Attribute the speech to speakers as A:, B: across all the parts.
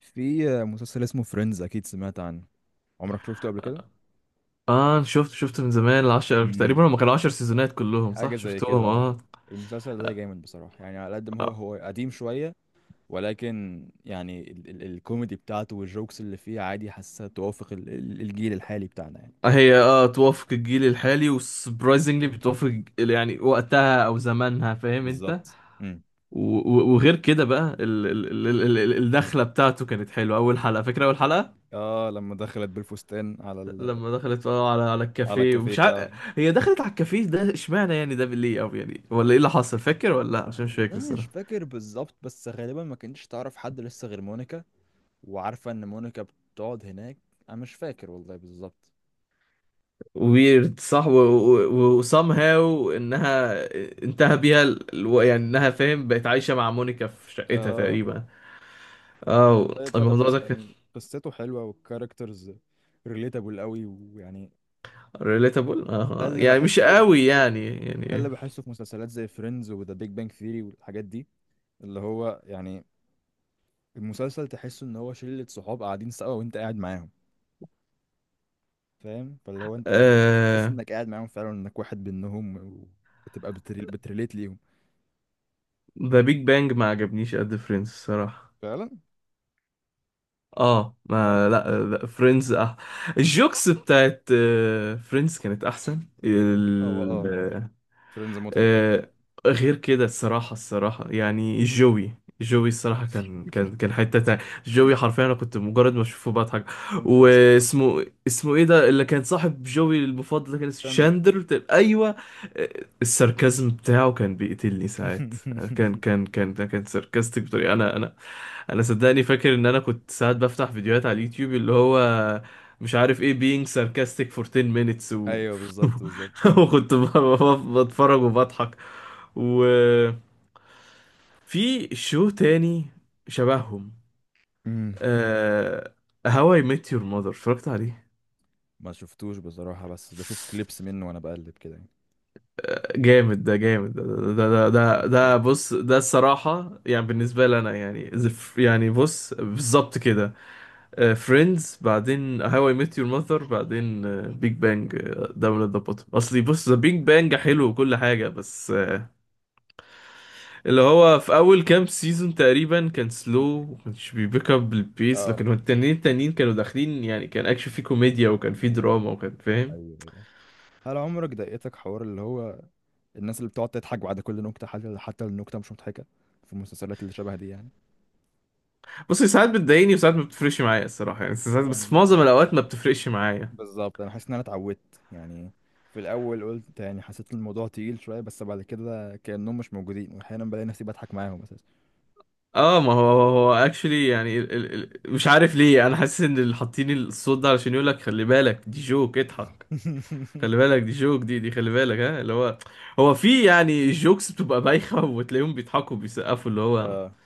A: في مسلسل اسمه فريندز اكيد سمعت عنه. عمرك شفته قبل كده؟
B: اه شفت من زمان العشر
A: امم
B: تقريبا هم كانوا عشر سيزونات كلهم
A: حاجه
B: صح
A: زي كده.
B: شفتهم
A: اه
B: اه.
A: المسلسل ده جامد بصراحه، يعني على قد ما هو قديم شويه، ولكن يعني ال ال الكوميدي بتاعته والجوكس اللي فيه، عادي حاسه توافق ال ال الجيل الحالي بتاعنا يعني.
B: هي توافق الجيل الحالي وسبرايزنجلي بتوافق يعني وقتها او زمانها فاهم انت.
A: بالظبط.
B: وغير كده بقى الدخله بتاعته كانت حلوه، اول حلقه فاكره اول حلقه
A: اه لما دخلت بالفستان على ال،
B: لما دخلت على
A: على
B: الكافيه
A: الكافيه
B: ومش
A: بتاعه.
B: عارف، هي دخلت على الكافيه ده اشمعنى يعني ده ليه او يعني ولا ايه اللي حصل، فاكر ولا لا؟ عشان مش فاكر
A: والله مش فاكر بالظبط، بس غالبا ما كنتش تعرف حد لسه غير مونيكا، وعارفه ان مونيكا بتقعد هناك. انا مش فاكر والله بالظبط.
B: ويرد صح. و هاو انها انتهى بيها يعني انها فاهم بقت عايشة مع مونيكا في شقتها
A: اه
B: تقريبا. اه
A: والله بتاع ده
B: الموضوع
A: قصة،
B: ده كان
A: يعني قصته حلوة والكاركترز ريليتابل قوي، ويعني
B: ريليتابل،
A: ده
B: اه
A: اللي
B: يعني مش
A: بحسه في
B: قوي
A: فكرة
B: يعني
A: ال- ده
B: يعني.
A: اللي بحسه في مسلسلات زي فريندز وذا بيج بانج ثيري والحاجات دي، اللي هو يعني المسلسل تحسه ان هو شلة صحاب قاعدين سوا وانت قاعد معاهم. فاهم؟ فاللي هو انت بتحس
B: آه،
A: انك قاعد معاهم فعلا، انك واحد منهم، وبتبقى بتريليت ليهم.
B: ذا بيج بانج ما عجبنيش قد فريندز الصراحة.
A: فعلا.
B: اه
A: من أي
B: ما
A: ناحية؟
B: لا فريندز اه. الجوكس بتاعت فريندز كانت احسن
A: اه اه فريندز مضحك اكتر.
B: آه، غير كده الصراحة الصراحة يعني جوي، جوي الصراحة كان حتة تانية. جوي حرفيا أنا كنت مجرد ما أشوفه بضحك.
A: من شخصية
B: واسمه اسمه إيه ده اللي كان صاحب جوي المفضل ده؟ كان اسمه
A: شاندلر.
B: أيوه. آه، الساركازم بتاعه كان بيقتلني ساعات، آه، كان كان كان ده كان ساركاستيك بطريقة أنا. أنا صدقني فاكر إن أنا كنت ساعات بفتح فيديوهات على اليوتيوب اللي هو مش عارف إيه being sarcastic for 10 minutes.
A: ايوه بالظبط بالظبط.
B: وكنت بتفرج وبضحك. وفي شو تاني شبههم؟ آه... هواي I Met Your Mother اتفرجت عليه،
A: ما شفتوش بصراحة، بس بشوف كليبس منه وانا بقلب كده يعني.
B: جامد ده، جامد ده، ده
A: اوكي.
B: بص ده الصراحة يعني بالنسبة لي أنا يعني يعني بص بالظبط كده. فريندز بعدين هاو اي ميت يور ماذر بعدين بيج بانج. داون ات ذا بوتوم أصلي، بص ذا بيج بانج حلو وكل حاجة بس آه، اللي هو في اول كام سيزون تقريبا كان سلو ومكانش بيبيك اب البيس،
A: اه
B: لكن هو التانيين التانيين كانوا داخلين يعني كان اكشن فيه كوميديا وكان فيه
A: ميبي.
B: دراما وكان فاهم.
A: ايوه ايوه. هل عمرك ضايقتك حوار اللي هو الناس اللي بتقعد تضحك بعد كل نكتة، حتى النكتة مش مضحكة، في المسلسلات اللي شبه دي يعني؟
B: بص هي ساعات بتضايقني وساعات ما بتفرقش معايا الصراحه، يعني ساعات
A: هو
B: بس في
A: أنا-
B: معظم الاوقات ما بتفرقش معايا.
A: بالظبط انا حاسس ان انا اتعودت يعني. في الاول قلت، يعني حسيت الموضوع تقيل شوية، بس بعد كده كأنهم مش موجودين، واحيانا بلاقي نفسي بضحك معاهم اساسا.
B: اه ما هو هو اكشلي يعني ال ال ال مش عارف ليه انا حاسس ان اللي حاطين الصوت ده علشان يقول لك خلي بالك دي جوك اضحك. خلي بالك دي جوك دي خلي بالك ها اللي هو هو في يعني جوكس بتبقى بايخه وتلاقيهم بيضحكوا وبيسقفوا اللي هو
A: اه.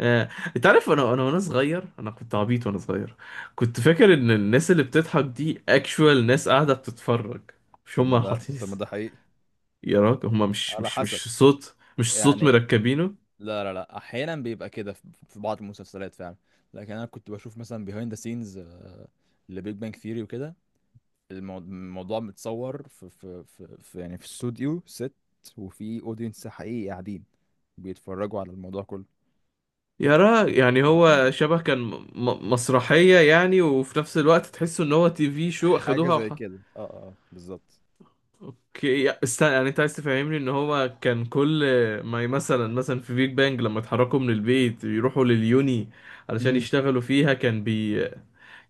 B: آه، انت عارف انا وانا صغير انا كنت عبيط وانا صغير كنت فاكر ان الناس اللي بتضحك دي اكشوال ناس قاعده بتتفرج مش
A: طب ما
B: هم
A: ده،
B: حاطين.
A: طب ما ده حقيقي.
B: يا راجل هم
A: على حسب
B: مش صوت
A: يعني.
B: مركبينه.
A: لا لا لا، احيانا بيبقى كده في في بعض المسلسلات فعلا، لكن انا كنت بشوف مثلا بيهايند ذا سينز لبيج بانج ثيوري وكده. الموضوع متصور في يعني في استوديو ست، وفي اودينس حقيقي قاعدين بيتفرجوا على الموضوع كله.
B: يا راجل يعني
A: آه،
B: هو شبه كان مسرحيه يعني، وفي نفس الوقت تحس ان هو تي في شو
A: حاجة
B: اخدوها
A: زي كده، بالظبط.
B: استنى يعني انت عايز تفهمني ان هو كان كل ما ي- مثلا في بيج بانج لما اتحركوا من البيت يروحوا لليوني علشان يشتغلوا فيها كان بي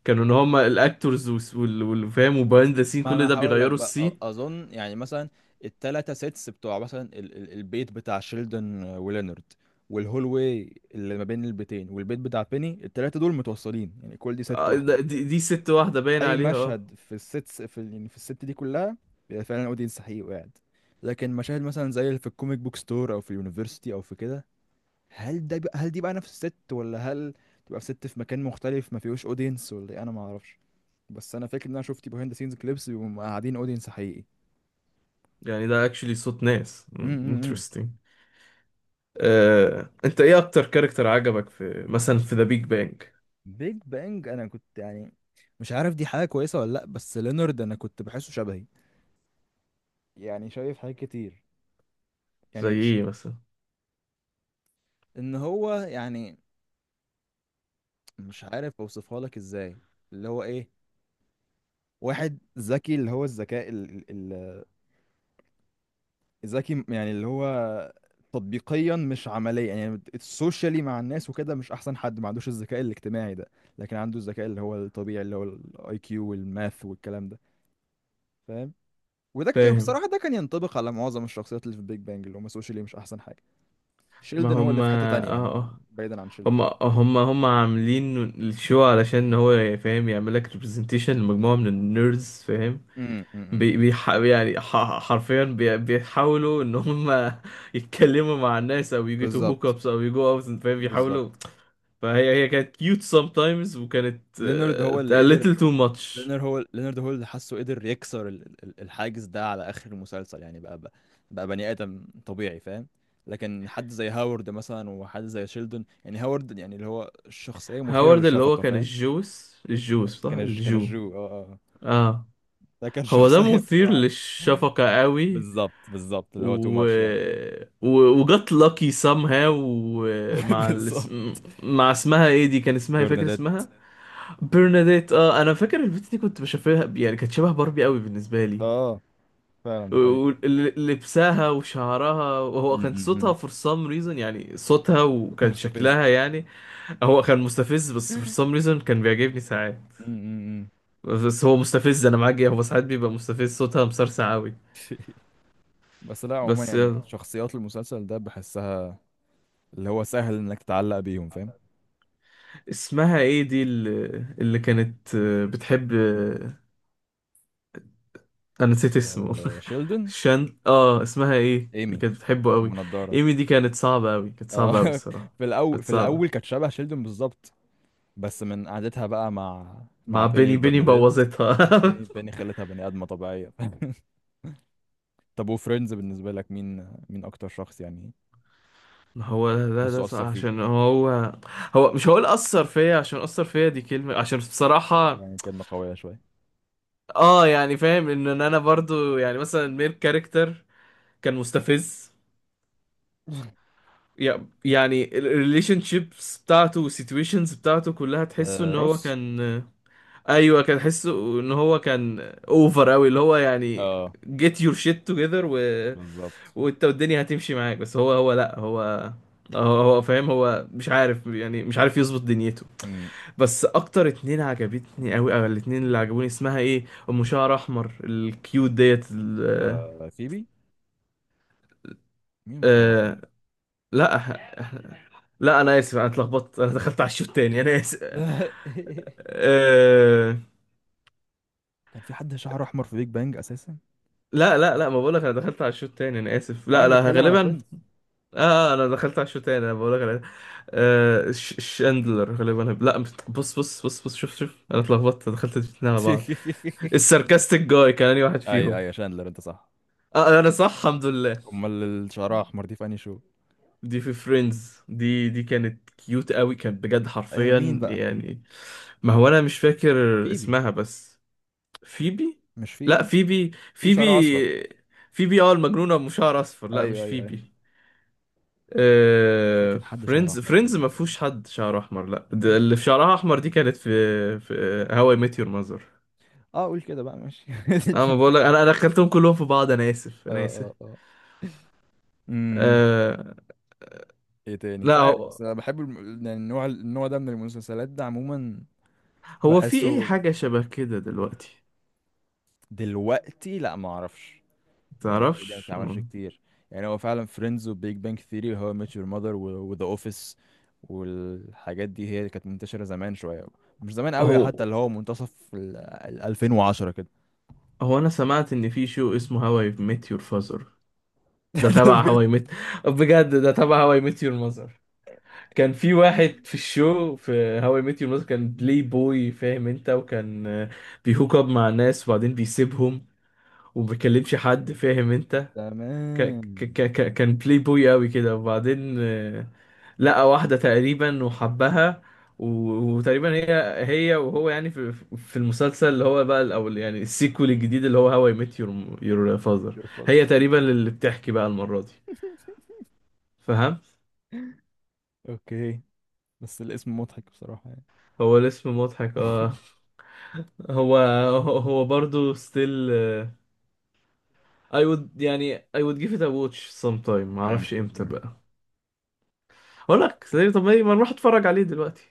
B: كانوا ان هم الاكتورز والفام وبايند ذا سين
A: ما
B: كل
A: انا
B: ده
A: هقول لك
B: بيغيروا
A: بقى،
B: السي.
A: اظن يعني مثلا التلاتة سيتس بتوع مثلا ال البيت بتاع شيلدن ولينارد، والهول واي اللي ما بين البيتين، والبيت بتاع بيني، التلاتة دول متوصلين يعني، كل دي ست
B: آه،
A: واحدة.
B: دي ست واحده باين
A: اي
B: عليها اه.
A: مشهد في الستس في يعني في الست دي كلها، بيبقى فعلا اودينس حقيقي وقاعد. لكن مشاهد مثلا زي اللي في الكوميك بوك ستور، او في اليونيفرسيتي، او في كده، هل ده بقى، هل دي بقى نفس الست، ولا هل تبقى في ست في مكان مختلف ما فيهوش اودينس، ولا إيه؟ انا ما اعرفش، بس انا فاكر ان انا شفت بيهايند سينز كليبس بيبقوا قاعدين اودينس حقيقي.
B: يعني ده اكشلي صوت ناس،
A: امم.
B: انترستنج. آه، انت ايه اكتر كاركتر عجبك في مثلا في ذا بيج بانج؟
A: بيج بانج انا كنت يعني، مش عارف دي حاجه كويسه ولا لا، بس لينارد انا كنت بحسه شبهي، يعني شايف حاجات كتير،
B: زي
A: يعني ش...
B: ايه مثلا؟
A: ان هو يعني، مش عارف اوصفها لك ازاي. اللي هو ايه، واحد ذكي، اللي هو الذكاء ال... ال... الذكي، يعني اللي هو تطبيقيا مش عمليا، يعني السوشيالي مع الناس وكده مش احسن حد، ما عندوش الذكاء الاجتماعي ده، لكن عنده الذكاء اللي هو الطبيعي، اللي هو الاي كيو والماث والكلام ده. فاهم؟
B: فاهم.
A: بصراحة ده كان ينطبق على معظم الشخصيات اللي في بيج بانج، اللي هم سوشيالي مش أحسن حاجة.
B: ما
A: شيلدن هو اللي
B: هم
A: في حتة
B: اه
A: تانية يعني،
B: اه
A: بعيدا عن شيلدن.
B: هم عاملين الشو علشان هو فاهم يعمل لك ريبرزنتيشن لمجموعه من النيردز فاهم.
A: امم امم
B: بي بيح يعني حرفيا بيحاولوا ان هم يتكلموا مع الناس او يجيتوا هوك
A: بالظبط
B: ابس او يجو اوت فاهم
A: بالظبط.
B: بيحاولوا. فهي كانت كيوت sometimes، وكانت
A: لينارد هو اللي
B: آه، a
A: قدر،
B: little too much.
A: لينارد هو اللي حاسه قدر يكسر الحاجز ده على اخر المسلسل، يعني بقى بني ادم طبيعي. فاهم؟ لكن حد زي هاورد مثلا، وحد زي شيلدون، يعني هاورد يعني اللي هو شخصية مثيرة
B: هاورد اللي هو
A: للشفقة.
B: كان
A: فاهم؟
B: الجوس صح
A: كان
B: الجو.
A: الجو آه.
B: اه.
A: ده كان
B: هو ده
A: شخصية
B: مثير
A: بصراحة.
B: للشفقة قوي.
A: بالظبط بالظبط، اللي هو تو
B: و...
A: ماتش يعني.
B: و... وجت لاكي somehow ومع
A: بالظبط.
B: مع اسمها ايه دي، كان اسمها إيه؟ فاكر
A: برنادات.
B: اسمها؟ برناديت اه. انا فاكر البت دي كنت بشوفها، يعني كانت شبه باربي قوي بالنسبه لي،
A: اه فعلا ده حقيقي.
B: ولبسها وشعرها،
A: م-
B: وهو كان
A: م- م.
B: صوتها for some reason، يعني صوتها
A: ده
B: وكان
A: مستفز.
B: شكلها يعني. هو كان مستفز بس for
A: م-
B: some reason كان بيعجبني ساعات.
A: م- م.
B: بس هو مستفز، انا معاك هو ساعات بيبقى مستفز، صوتها مسرسع قوي.
A: بس لا عموما
B: بس
A: يعني
B: يلا.
A: شخصيات المسلسل ده بحسها اللي هو سهل انك تعلق بيهم. فاهم؟
B: اسمها ايه اللي كانت آه، بتحب، انا نسيت اسمه.
A: آه، شيلدن.
B: شان اه اسمها ايه اللي
A: ايمي،
B: كانت بتحبه
A: ام
B: قوي؟
A: نضاره.
B: ايمي. دي كانت صعبة قوي، كانت
A: اه.
B: صعبة قوي الصراحة.
A: في الاول،
B: كانت
A: في
B: صعبة
A: الاول كانت شبه شيلدن بالظبط، بس من قعدتها بقى مع، مع
B: مع
A: بيني
B: بيني، بيني
A: وبرناديت.
B: بوظتها.
A: بيني، بيني خلتها بني ادمه طبيعيه. طب وفريندز بالنسبه لك مين، مين اكتر شخص يعني
B: ما هو لا ده
A: تحسه
B: صح
A: اثر فيك؟
B: عشان هو. هو مش هقول اثر فيا، عشان اثر فيا دي كلمة، عشان بصراحة
A: يعني كلمه قويه شويه.
B: اه يعني فاهم ان إن انا برضو يعني مثلا الميل كاركتر كان مستفز، يعني الريليشن شيبس بتاعته والسيتويشنز بتاعته كلها تحسه
A: آه
B: ان هو
A: روس.
B: كان. ايوه كان حسه ان هو كان اوفر قوي اللي هو يعني
A: اه
B: get your shit together و...
A: بالظبط.
B: وانت والدنيا هتمشي معاك. بس هو لا هو هو فاهم، هو مش عارف يعني مش عارف يظبط دنيته.
A: امم.
B: بس اكتر اتنين عجبتني قوي او الاتنين اللي عجبوني اسمها ايه، ام شعر احمر الكيوت ديت
A: آه فيبي. مين؟ مش شعر احمر؟
B: آه... لا لا انا اسف، انا اتلخبطت، انا دخلت على الشوط تاني انا اسف. آه...
A: كان في حد شعره احمر في بيج بانج اساسا؟
B: لا لا لا ما بقولك انا دخلت على الشوط تاني انا اسف.
A: او
B: لا
A: انا
B: لا
A: بتكلم على
B: غالبا.
A: فريندز.
B: اه انا دخلت على الشوط تاني انا بقول لك آه شاندلر غالبا لا بص بص شوف انا اتلخبطت دخلت الاتنين على بعض. الساركاستيك جاي كان أنهي واحد
A: ايوه
B: فيهم؟
A: ايوه شاندلر، انت صح.
B: اه انا صح الحمد لله.
A: امال اللي شعرها احمر دي في انهي شو؟
B: دي في فريندز، دي كانت كيوت قوي، كانت بجد
A: ايوه مين
B: حرفيا
A: بقى؟
B: يعني. ما هو انا مش فاكر
A: فيبي؟
B: اسمها بس. فيبي؟
A: مش
B: لا
A: فيبي؟ فيبي شعرها اصفر.
B: فيبي. فيبي اه المجنونة بشعر اصفر؟ لا مش
A: ايوه ايوه ايوه.
B: فيبي.
A: مش
B: آه،
A: فاكر حد شعره احمر في
B: فريندز
A: بيج
B: ما
A: بانج.
B: فيهوش حد شعره احمر، لا ده اللي في شعرها احمر دي كانت في، في هواي ميت يور ماذر.
A: اه قول كده بقى، ماشي.
B: انا ما بقول لك أنا دخلتهم كلهم في بعض انا اسف
A: اه
B: انا اسف.
A: اه اه امم.
B: أه
A: ايه تاني؟ مش
B: لا
A: عارف
B: هو
A: بس انا بحب يعني النوع ده من المسلسلات ده عموما
B: هو في ايه
A: بحسه.
B: حاجه شبه كده دلوقتي؟
A: دلوقتي لا ما اعرفش، يعني الحاجات دي ما
B: تعرفش
A: بتتعملش كتير، يعني هو فعلا فريندز وبيج بانك ثيري وهو ميت يور ماذر وذا اوفيس والحاجات دي هي اللي كانت منتشرة زمان شوية، مش زمان قوي،
B: هو
A: حتى اللي هو منتصف ال 2010 كده.
B: هو انا سمعت ان في شو اسمه هواي ميت يور فازر، ده
A: ده
B: تبع
A: بجد؟
B: هواي ميت. بجد ده تبع هواي ميت يور. كان في واحد في الشو في هاو اي ميت يور ماذر كان بلاي بوي فاهم انت، وكان آه، بيهوك اب مع ناس وبعدين بيسيبهم وما بيكلمش حد فاهم انت. ك
A: تمام.
B: كان بلاي بوي قوي كده، وبعدين آه، لقى واحدة تقريبا وحبها، وتقريبا هي وهو يعني في المسلسل اللي هو بقى او يعني السيكول الجديد اللي هو هاو اي ميت يور فاذر
A: ترفز.
B: هي تقريبا اللي بتحكي بقى المرة دي فاهم.
A: اوكي، بس الاسم مضحك بصراحة يعني.
B: هو الاسم مضحك اه. هو هو برضه still I would يعني I would give it a watch sometime، معرفش امتى
A: مم.
B: بقى اقول لك. طب ما نروح اتفرج عليه دلوقتي؟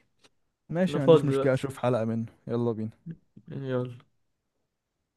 A: ماشي،
B: انا
A: ما عنديش
B: فاضي
A: مشكلة،
B: دلوقتي،
A: اشوف حلقة منه، يلا بينا.
B: يعني يلا.